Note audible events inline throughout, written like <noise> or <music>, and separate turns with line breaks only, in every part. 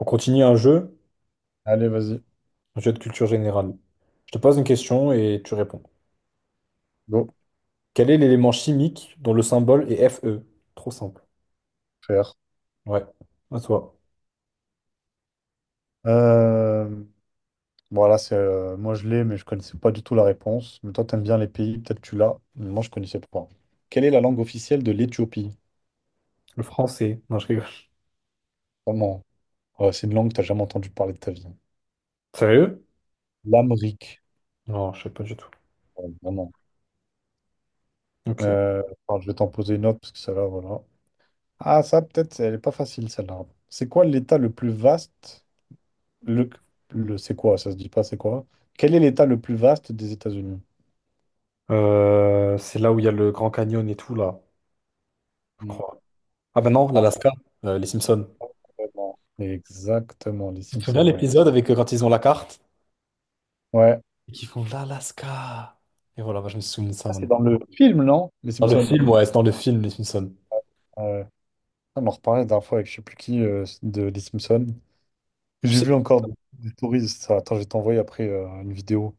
On continue
Allez, vas-y,
un jeu de culture générale. Je te pose une question et tu réponds.
go,
Quel est l'élément chimique dont le symbole est Fe? Trop simple.
faire.
Ouais, à toi.
Euh, voilà, c'est moi je l'ai, mais je connaissais pas du tout la réponse. Mais toi, t'aimes bien les pays, peut-être tu l'as, mais moi je connaissais pas. Quelle est la langue officielle de l'Éthiopie?
Le français. Non, je rigole.
Vraiment. Ouais, c'est une langue que t'as jamais entendu parler de ta vie.
Sérieux?
L'Amérique.
Non, je sais pas du tout.
Ouais, vraiment.
Ok.
Attends, je vais t'en poser une autre parce que celle-là, voilà. Ah, ça, peut-être, elle est pas facile celle-là. C'est quoi l'État le plus vaste? Le, le c'est quoi? Ça se dit pas, c'est quoi? Quel est l'État le plus vaste des États-Unis?
C'est là où il y a le Grand Canyon et tout, là, je
Hmm.
crois. Ah ben non, l'Alaska, les Simpsons.
Exactement. Exactement, les
Tu te souviens
Simpsons, ouais.
l'épisode avec quand ils ont la carte
Ouais.
et qu'ils font l'Alaska. Et voilà, bah, je me souviens de ça
Ça, c'est
maintenant.
dans le film, non? Les
Dans le
Simpsons.
film, ouais, c'est dans le film, les Simpsons.
Ouais. On en reparlait la dernière fois avec je sais plus qui de les Simpsons.
Tu
J'ai
sais,
vu encore des stories. Ça. Attends, je vais t'envoyer après une vidéo.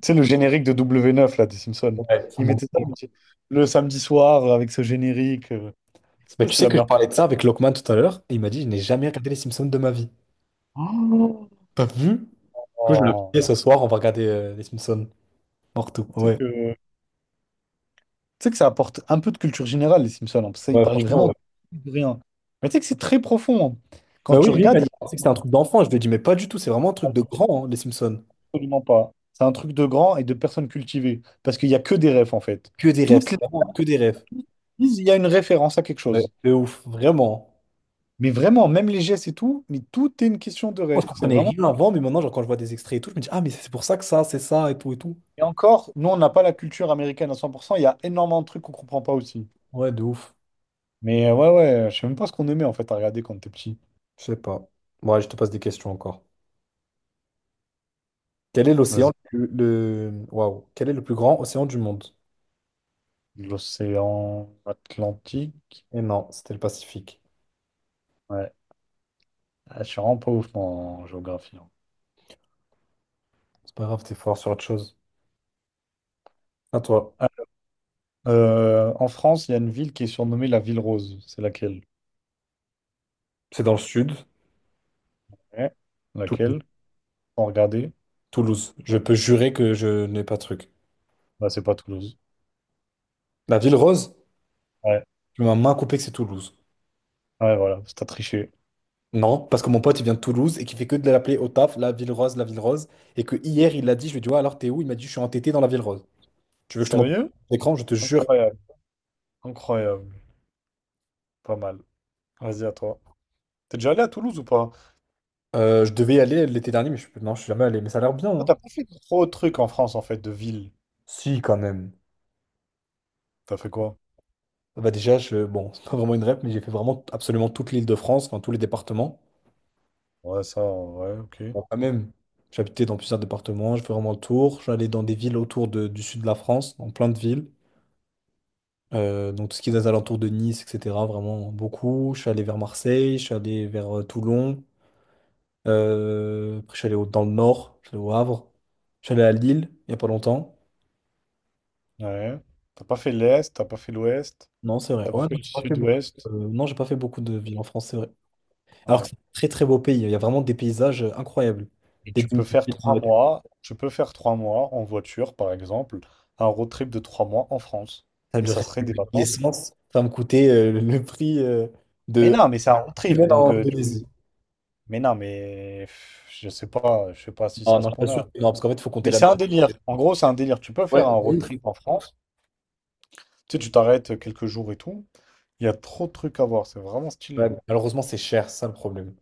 Tu sais, le générique de W9, là, des Simpsons.
ouais, ça
Ils
manque.
mettaient ça ils mettaient le samedi soir avec ce générique. Je sais
Mais
pas si
tu
c'était
sais
la
que je
meilleure part.
parlais de ça avec Lokman tout à l'heure, et il m'a dit, je n'ai jamais regardé les Simpsons de ma vie.
Oh.
T'as vu? Du coup, je l'ai
Oh.
fait ce soir, on va regarder les Simpsons. Morto.
Tu sais
Ouais.
que, tu sais que ça apporte un peu de culture générale, les Simpsons, hein, parce qu'ils
Ouais,
parlaient
franchement,
vraiment
ouais.
de rien. Mais tu sais que c'est très profond, hein. Quand
Bah
tu
oui, lui, il a
regardes,
pensé que c'était un truc d'enfant. Je lui ai dit, mais pas du tout, c'est vraiment un
y
truc de
a-
grand, hein, les Simpsons.
absolument pas. C'est un truc de grand et de personnes cultivées. Parce qu'il n'y a que des refs, en fait.
Que des rêves, c'est
Toutes les
vraiment que des rêves.
prises, il y a une référence à quelque
Ouais.
chose.
De ouf, vraiment.
Mais vraiment, même les gestes et tout, mais tout est une question de
Moi, je
ref. C'est
comprenais
vraiment.
rien avant, mais maintenant, genre, quand je vois des extraits et tout, je me dis, ah, mais c'est pour ça que ça, c'est ça, et tout, et tout.
Et encore, nous, on n'a pas la culture américaine à 100%. Il y a énormément de trucs qu'on comprend pas aussi.
Ouais, de ouf.
Mais ouais, je sais même pas ce qu'on aimait, en fait, à regarder quand t'es petit.
Je sais pas. Ouais, je te pose des questions encore. Quel est l'océan
Vas-y.
le... Waouh. Quel est le plus grand océan du monde?
L'océan Atlantique.
Et non, c'était le Pacifique.
Ouais. Ah, je suis vraiment pas ouf en géographie, hein.
C'est pas grave, t'es fort sur autre chose. À toi.
Ah, en France, il y a une ville qui est surnommée la Ville Rose. C'est laquelle?
C'est dans le sud,
Ouais.
Toulouse.
Laquelle? Sans regarder.
Toulouse. Je peux jurer que je n'ai pas de truc.
Bah, c'est pas Toulouse.
La ville rose?
Ouais,
Tu m'as main coupée que c'est Toulouse.
ouais, voilà, t'as triché.
Non, parce que mon pote, il vient de Toulouse et qui fait que de l'appeler au taf, la ville rose, la ville rose. Et que hier, il l'a dit, je lui ai dit, ouais, alors t'es où? Il m'a dit, je suis entêté dans la ville rose. Tu veux que je te montre
Sérieux?
l'écran? Je te jure.
Incroyable, incroyable. Pas mal. Vas-y, à toi. T'es déjà allé à Toulouse ou pas?
Je devais y aller l'été dernier, mais non, je suis jamais allé. Mais ça a l'air bien,
Toi, t'as
hein.
pas fait trop de trucs en France, en fait, de ville.
Si, quand même.
T'as fait quoi?
Bah déjà, je... bon, <laughs> c'est pas vraiment une rep, mais j'ai fait vraiment absolument toute l'Île-de-France, enfin tous les départements.
Ouais, ça, ouais, ok.
Bon, quand même, j'habitais dans plusieurs départements, je fais vraiment le tour. J'allais dans des villes du sud de la France, dans plein de villes. Donc tout ce qui est des alentours de Nice, etc. Vraiment beaucoup. Je suis allé vers Marseille, je suis allé vers Toulon. Après, je suis allé dans le nord, je suis allé au Havre. Je suis allé à Lille, il n'y a pas longtemps.
Ouais. T'as pas fait l'Est, t'as pas fait l'Ouest,
Non, c'est vrai.
t'as pas
Ouais,
fait
non,
le
j'ai pas fait beaucoup.
Sud-Ouest.
Non, j'ai pas fait beaucoup de villes en France, c'est vrai. Alors que
Ouais.
c'est un très très beau pays, il y a vraiment des paysages incroyables.
Et
Des
tu
dunes
peux
du
faire
Piémont,
trois mois en voiture, par exemple, un road trip de 3 mois en France.
ça a
Et ça serait des vacances.
l'essence, ça me coûtait le prix
Mais
de
non, mais c'est un road trip,
semaine
donc
en
tu.
Indonésie.
Mais non, mais pff, je sais pas si
Non,
ça
non,
se
je
ce
t'assure
là.
que non, parce qu'en fait, il faut compter
Mais
la
c'est un délire.
nourriture.
En gros, c'est un délire. Tu peux faire
Ouais,
un
de
road
ouf.
trip en France. Tu sais, tu t'arrêtes quelques jours et tout. Il y a trop de trucs à voir. C'est vraiment stylé,
Ouais,
hein.
malheureusement, c'est cher, c'est ça le problème.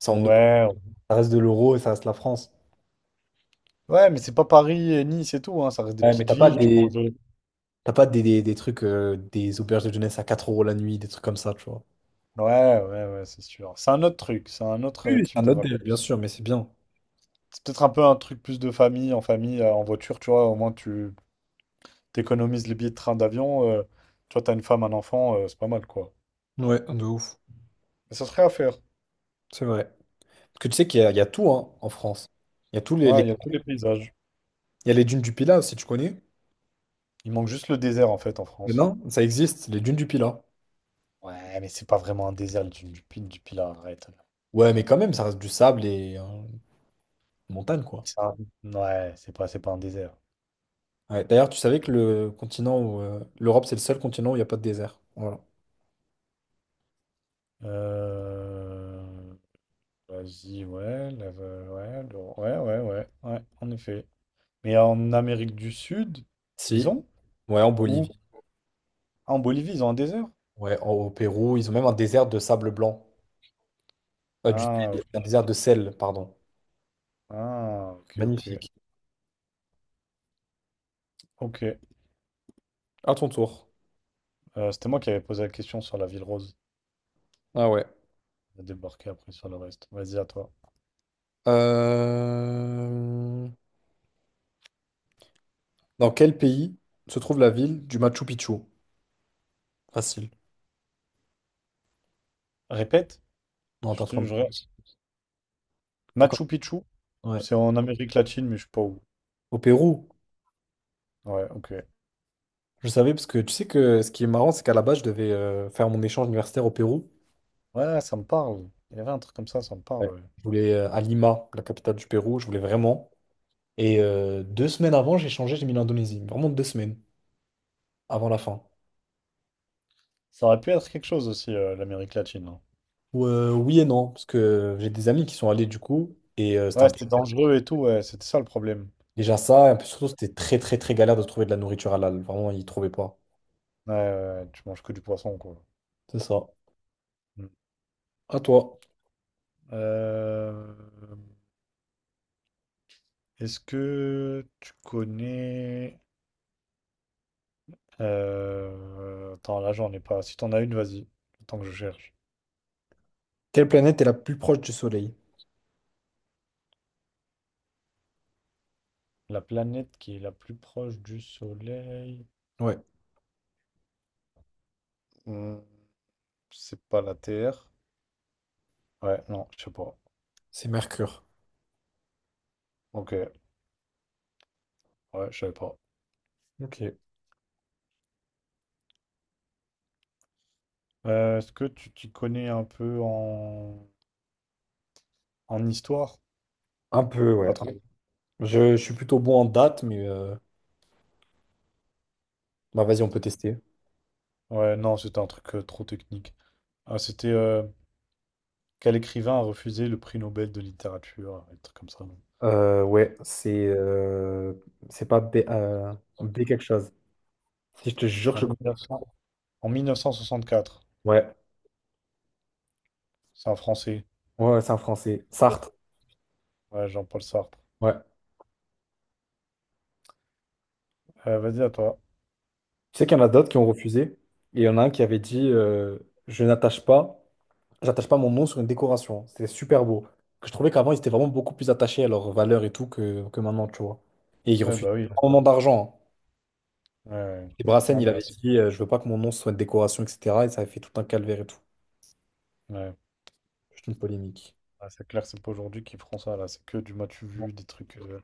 Ça, en euro,
Ouais.
ça reste de l'euro et ça reste la France.
Ouais, mais c'est pas Paris et Nice et tout, hein. Ça reste des
Ouais, mais
petites
t'as pas
villes. Tu manges de-.
t'as pas des trucs, des auberges de jeunesse à 4 € la nuit, des trucs comme ça, tu vois.
Ouais, ouais, ouais, c'est sûr. C'est un autre truc. C'est un autre
Oui, oui, c'est
type
un
de
autre délire,
vacances.
bien sûr, mais c'est bien.
C'est peut-être un peu un truc plus de famille, en famille, en voiture. Tu vois, au moins tu t'économises les billets de train, d'avion. Tu vois, t'as une femme, un enfant, c'est pas mal, quoi.
Ouais, de ouf.
Mais ça serait à faire.
C'est vrai. Parce que tu sais qu'il y a, il y a tout hein, en France. Il y a tous
Ouais, il y a tous les paysages.
il y a les dunes du Pilat, si tu connais.
Il manque juste le désert en fait en
Mais
France.
non, ça existe, les dunes du Pilat.
Ouais, mais c'est pas vraiment un désert, les dunes du Pilat, arrête.
Ouais, mais quand même, ça reste du sable et montagne, quoi.
C'est un- Ouais, c'est pas un désert.
Ouais, d'ailleurs, tu savais que le continent où l'Europe, c'est le seul continent où il n'y a pas de désert. Voilà.
Euh... Vas-y, ouais, ouais, en effet. Mais en Amérique du Sud, ils
Si,
ont?
ouais, en
Où?
Bolivie,
Ah, en Bolivie, ils ont un désert?
ouais, au Pérou, ils ont même un désert de sable blanc. Du
Ah,
sel,
ok,
un désert de sel, pardon.
ah, ok, ok.
Magnifique.
Ok.
À ton tour.
C'était moi qui avais posé la question sur la ville rose.
Ah ouais.
On a débarqué après sur le reste. Vas-y, à toi.
Euh, dans quel pays se trouve la ville du Machu Picchu? Facile.
Répète.
Non, t'es
Je,
en train
te-
de-
je-
Pourquoi?
Machu Picchu?
Ouais.
C'est en Amérique latine, mais je sais pas où.
Au Pérou.
Ouais, ok.
Je savais parce que tu sais que ce qui est marrant, c'est qu'à la base, je devais faire mon échange universitaire au Pérou.
Ouais, ça me parle. Il y avait un truc comme ça me
Ouais.
parle, ouais.
Je voulais à Lima, la capitale du Pérou. Je voulais vraiment. Et deux semaines avant, j'ai changé, j'ai mis l'Indonésie. Vraiment deux semaines avant la fin.
Ça aurait pu être quelque chose aussi, l'Amérique latine, hein.
Ou, oui et non, parce que j'ai des amis qui sont allés du coup. Et c'était
Ouais,
un peu
c'était dangereux et tout, ouais, c'était ça le problème.
déjà ça. Et un peu surtout, c'était très, très, très galère de trouver de la nourriture halal. Vraiment, ils trouvaient pas.
Ouais, ouais, ouais, tu manges que du poisson, quoi.
C'est ça.
Mm.
À toi.
Euh, est-ce que tu connais... attends, là, j'en ai pas. Si t'en as une, vas-y. Tant que je cherche.
Quelle planète est la plus proche du Soleil?
La planète qui est la plus proche du Soleil...
Ouais,
Hmm, c'est pas la Terre. Ouais, non, je sais pas.
c'est Mercure.
Ok, ouais, je savais pas.
Ok.
Est-ce que tu t'y connais un peu en histoire?
Un peu,
Pas
ouais.
trop.
Je suis plutôt bon en date, mais bah, vas-y, on peut tester.
Ouais, non, c'était un truc trop technique. Ah, c'était quel écrivain a refusé le prix Nobel de littérature, un truc comme ça.
Euh, ouais, c'est euh, c'est pas B, B quelque chose. Si je te jure,
En
je.
1900 En 1964.
Ouais.
C'est un Français.
Ouais, ouais, c'est un Français. Sartre.
Ouais, Jean-Paul Sartre.
Ouais.
Vas-y, à toi.
Tu sais qu'il y en a d'autres qui ont refusé. Et il y en a un qui avait dit je n'attache pas, j'attache pas mon nom sur une décoration. C'était super beau. Que je trouvais qu'avant, ils étaient vraiment beaucoup plus attachés à leurs valeurs et tout que maintenant, tu vois. Et ils
Ouais,
refusaient
bah oui. Ouais,
énormément d'argent,
ouais, ouais.
hein. Et Brassens,
Non,
il
mais là,
avait
c'est
dit je veux pas que mon nom soit une décoration, etc. Et ça avait fait tout un calvaire et tout.
ouais.
Juste une polémique.
Ouais, c'est clair, c'est pas aujourd'hui qu'ils feront ça, là. C'est que du matu
Bon.
vu, des trucs.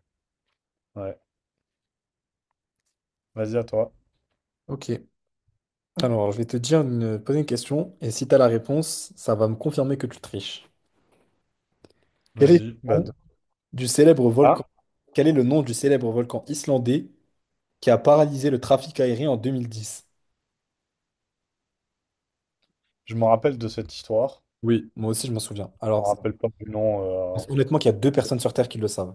Ouais. Vas-y, à toi.
Ok. Alors, je vais te dire une, poser une question. Et si tu as la réponse, ça va me confirmer que tu triches. Quel est
Vas-y, bah de-
du célèbre
Ah,
volcan. Quel est le nom du célèbre volcan islandais qui a paralysé le trafic aérien en 2010?
je me rappelle de cette histoire.
Oui, moi aussi je m'en souviens.
Je me rappelle pas du nom. euh,
Honnêtement qu'il y a 2 personnes sur Terre qui le savent.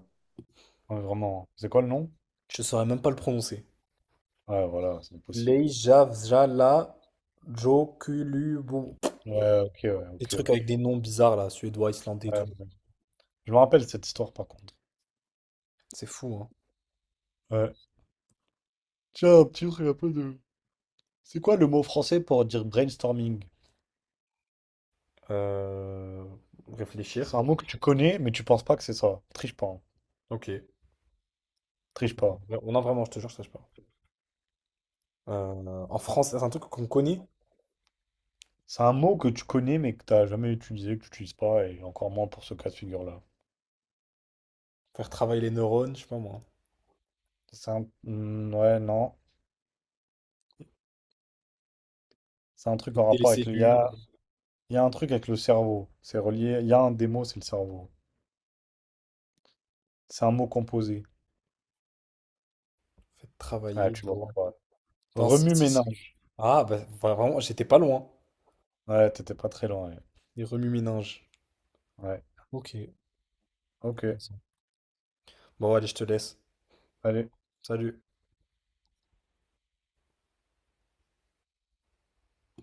ouais, vraiment. C'est quoi le nom?
Je saurais même pas le prononcer.
Ouais, voilà, c'est impossible.
Leivsfjallajokulubu.
Ouais, ok, ouais,
Des
ok,
trucs avec des
ok.
noms bizarres là, suédois, islandais et
Ouais,
tout.
ouais, je me rappelle de cette histoire par contre.
C'est fou, hein.
Ouais. Tiens, un petit truc un peu de. C'est quoi le mot français pour dire brainstorming?
Euh,
C'est
réfléchir.
un mot que tu connais, mais tu penses pas que c'est ça. Triche pas, hein.
Ok. Ok.
Triche pas.
On a vraiment, je te jure, je sache pas. En France, c'est un truc qu'on connaît.
C'est un mot que tu connais, mais que t'as jamais utilisé, que tu utilises pas, et encore moins pour ce cas de figure-là.
Faire travailler les neurones, je sais pas moi.
C'est un. Hmm, ouais, non. C'est un truc en
Écouter les
rapport avec
cellules.
l'IA. Il y a un truc avec le cerveau. C'est relié. Il y a un des mots, c'est le cerveau. C'est un mot composé.
Faites
Ouais,
travailler
tu vois
vos...
pas.
Attends, si, si, si.
Remue-ménage.
Ah, bah vraiment, j'étais pas loin.
Ouais, t'étais pas très loin. Ouais.
Les remue-ménages.
Ouais.
Ok,
Ok.
intéressant. Bon, allez, je te laisse.
Allez.
Salut.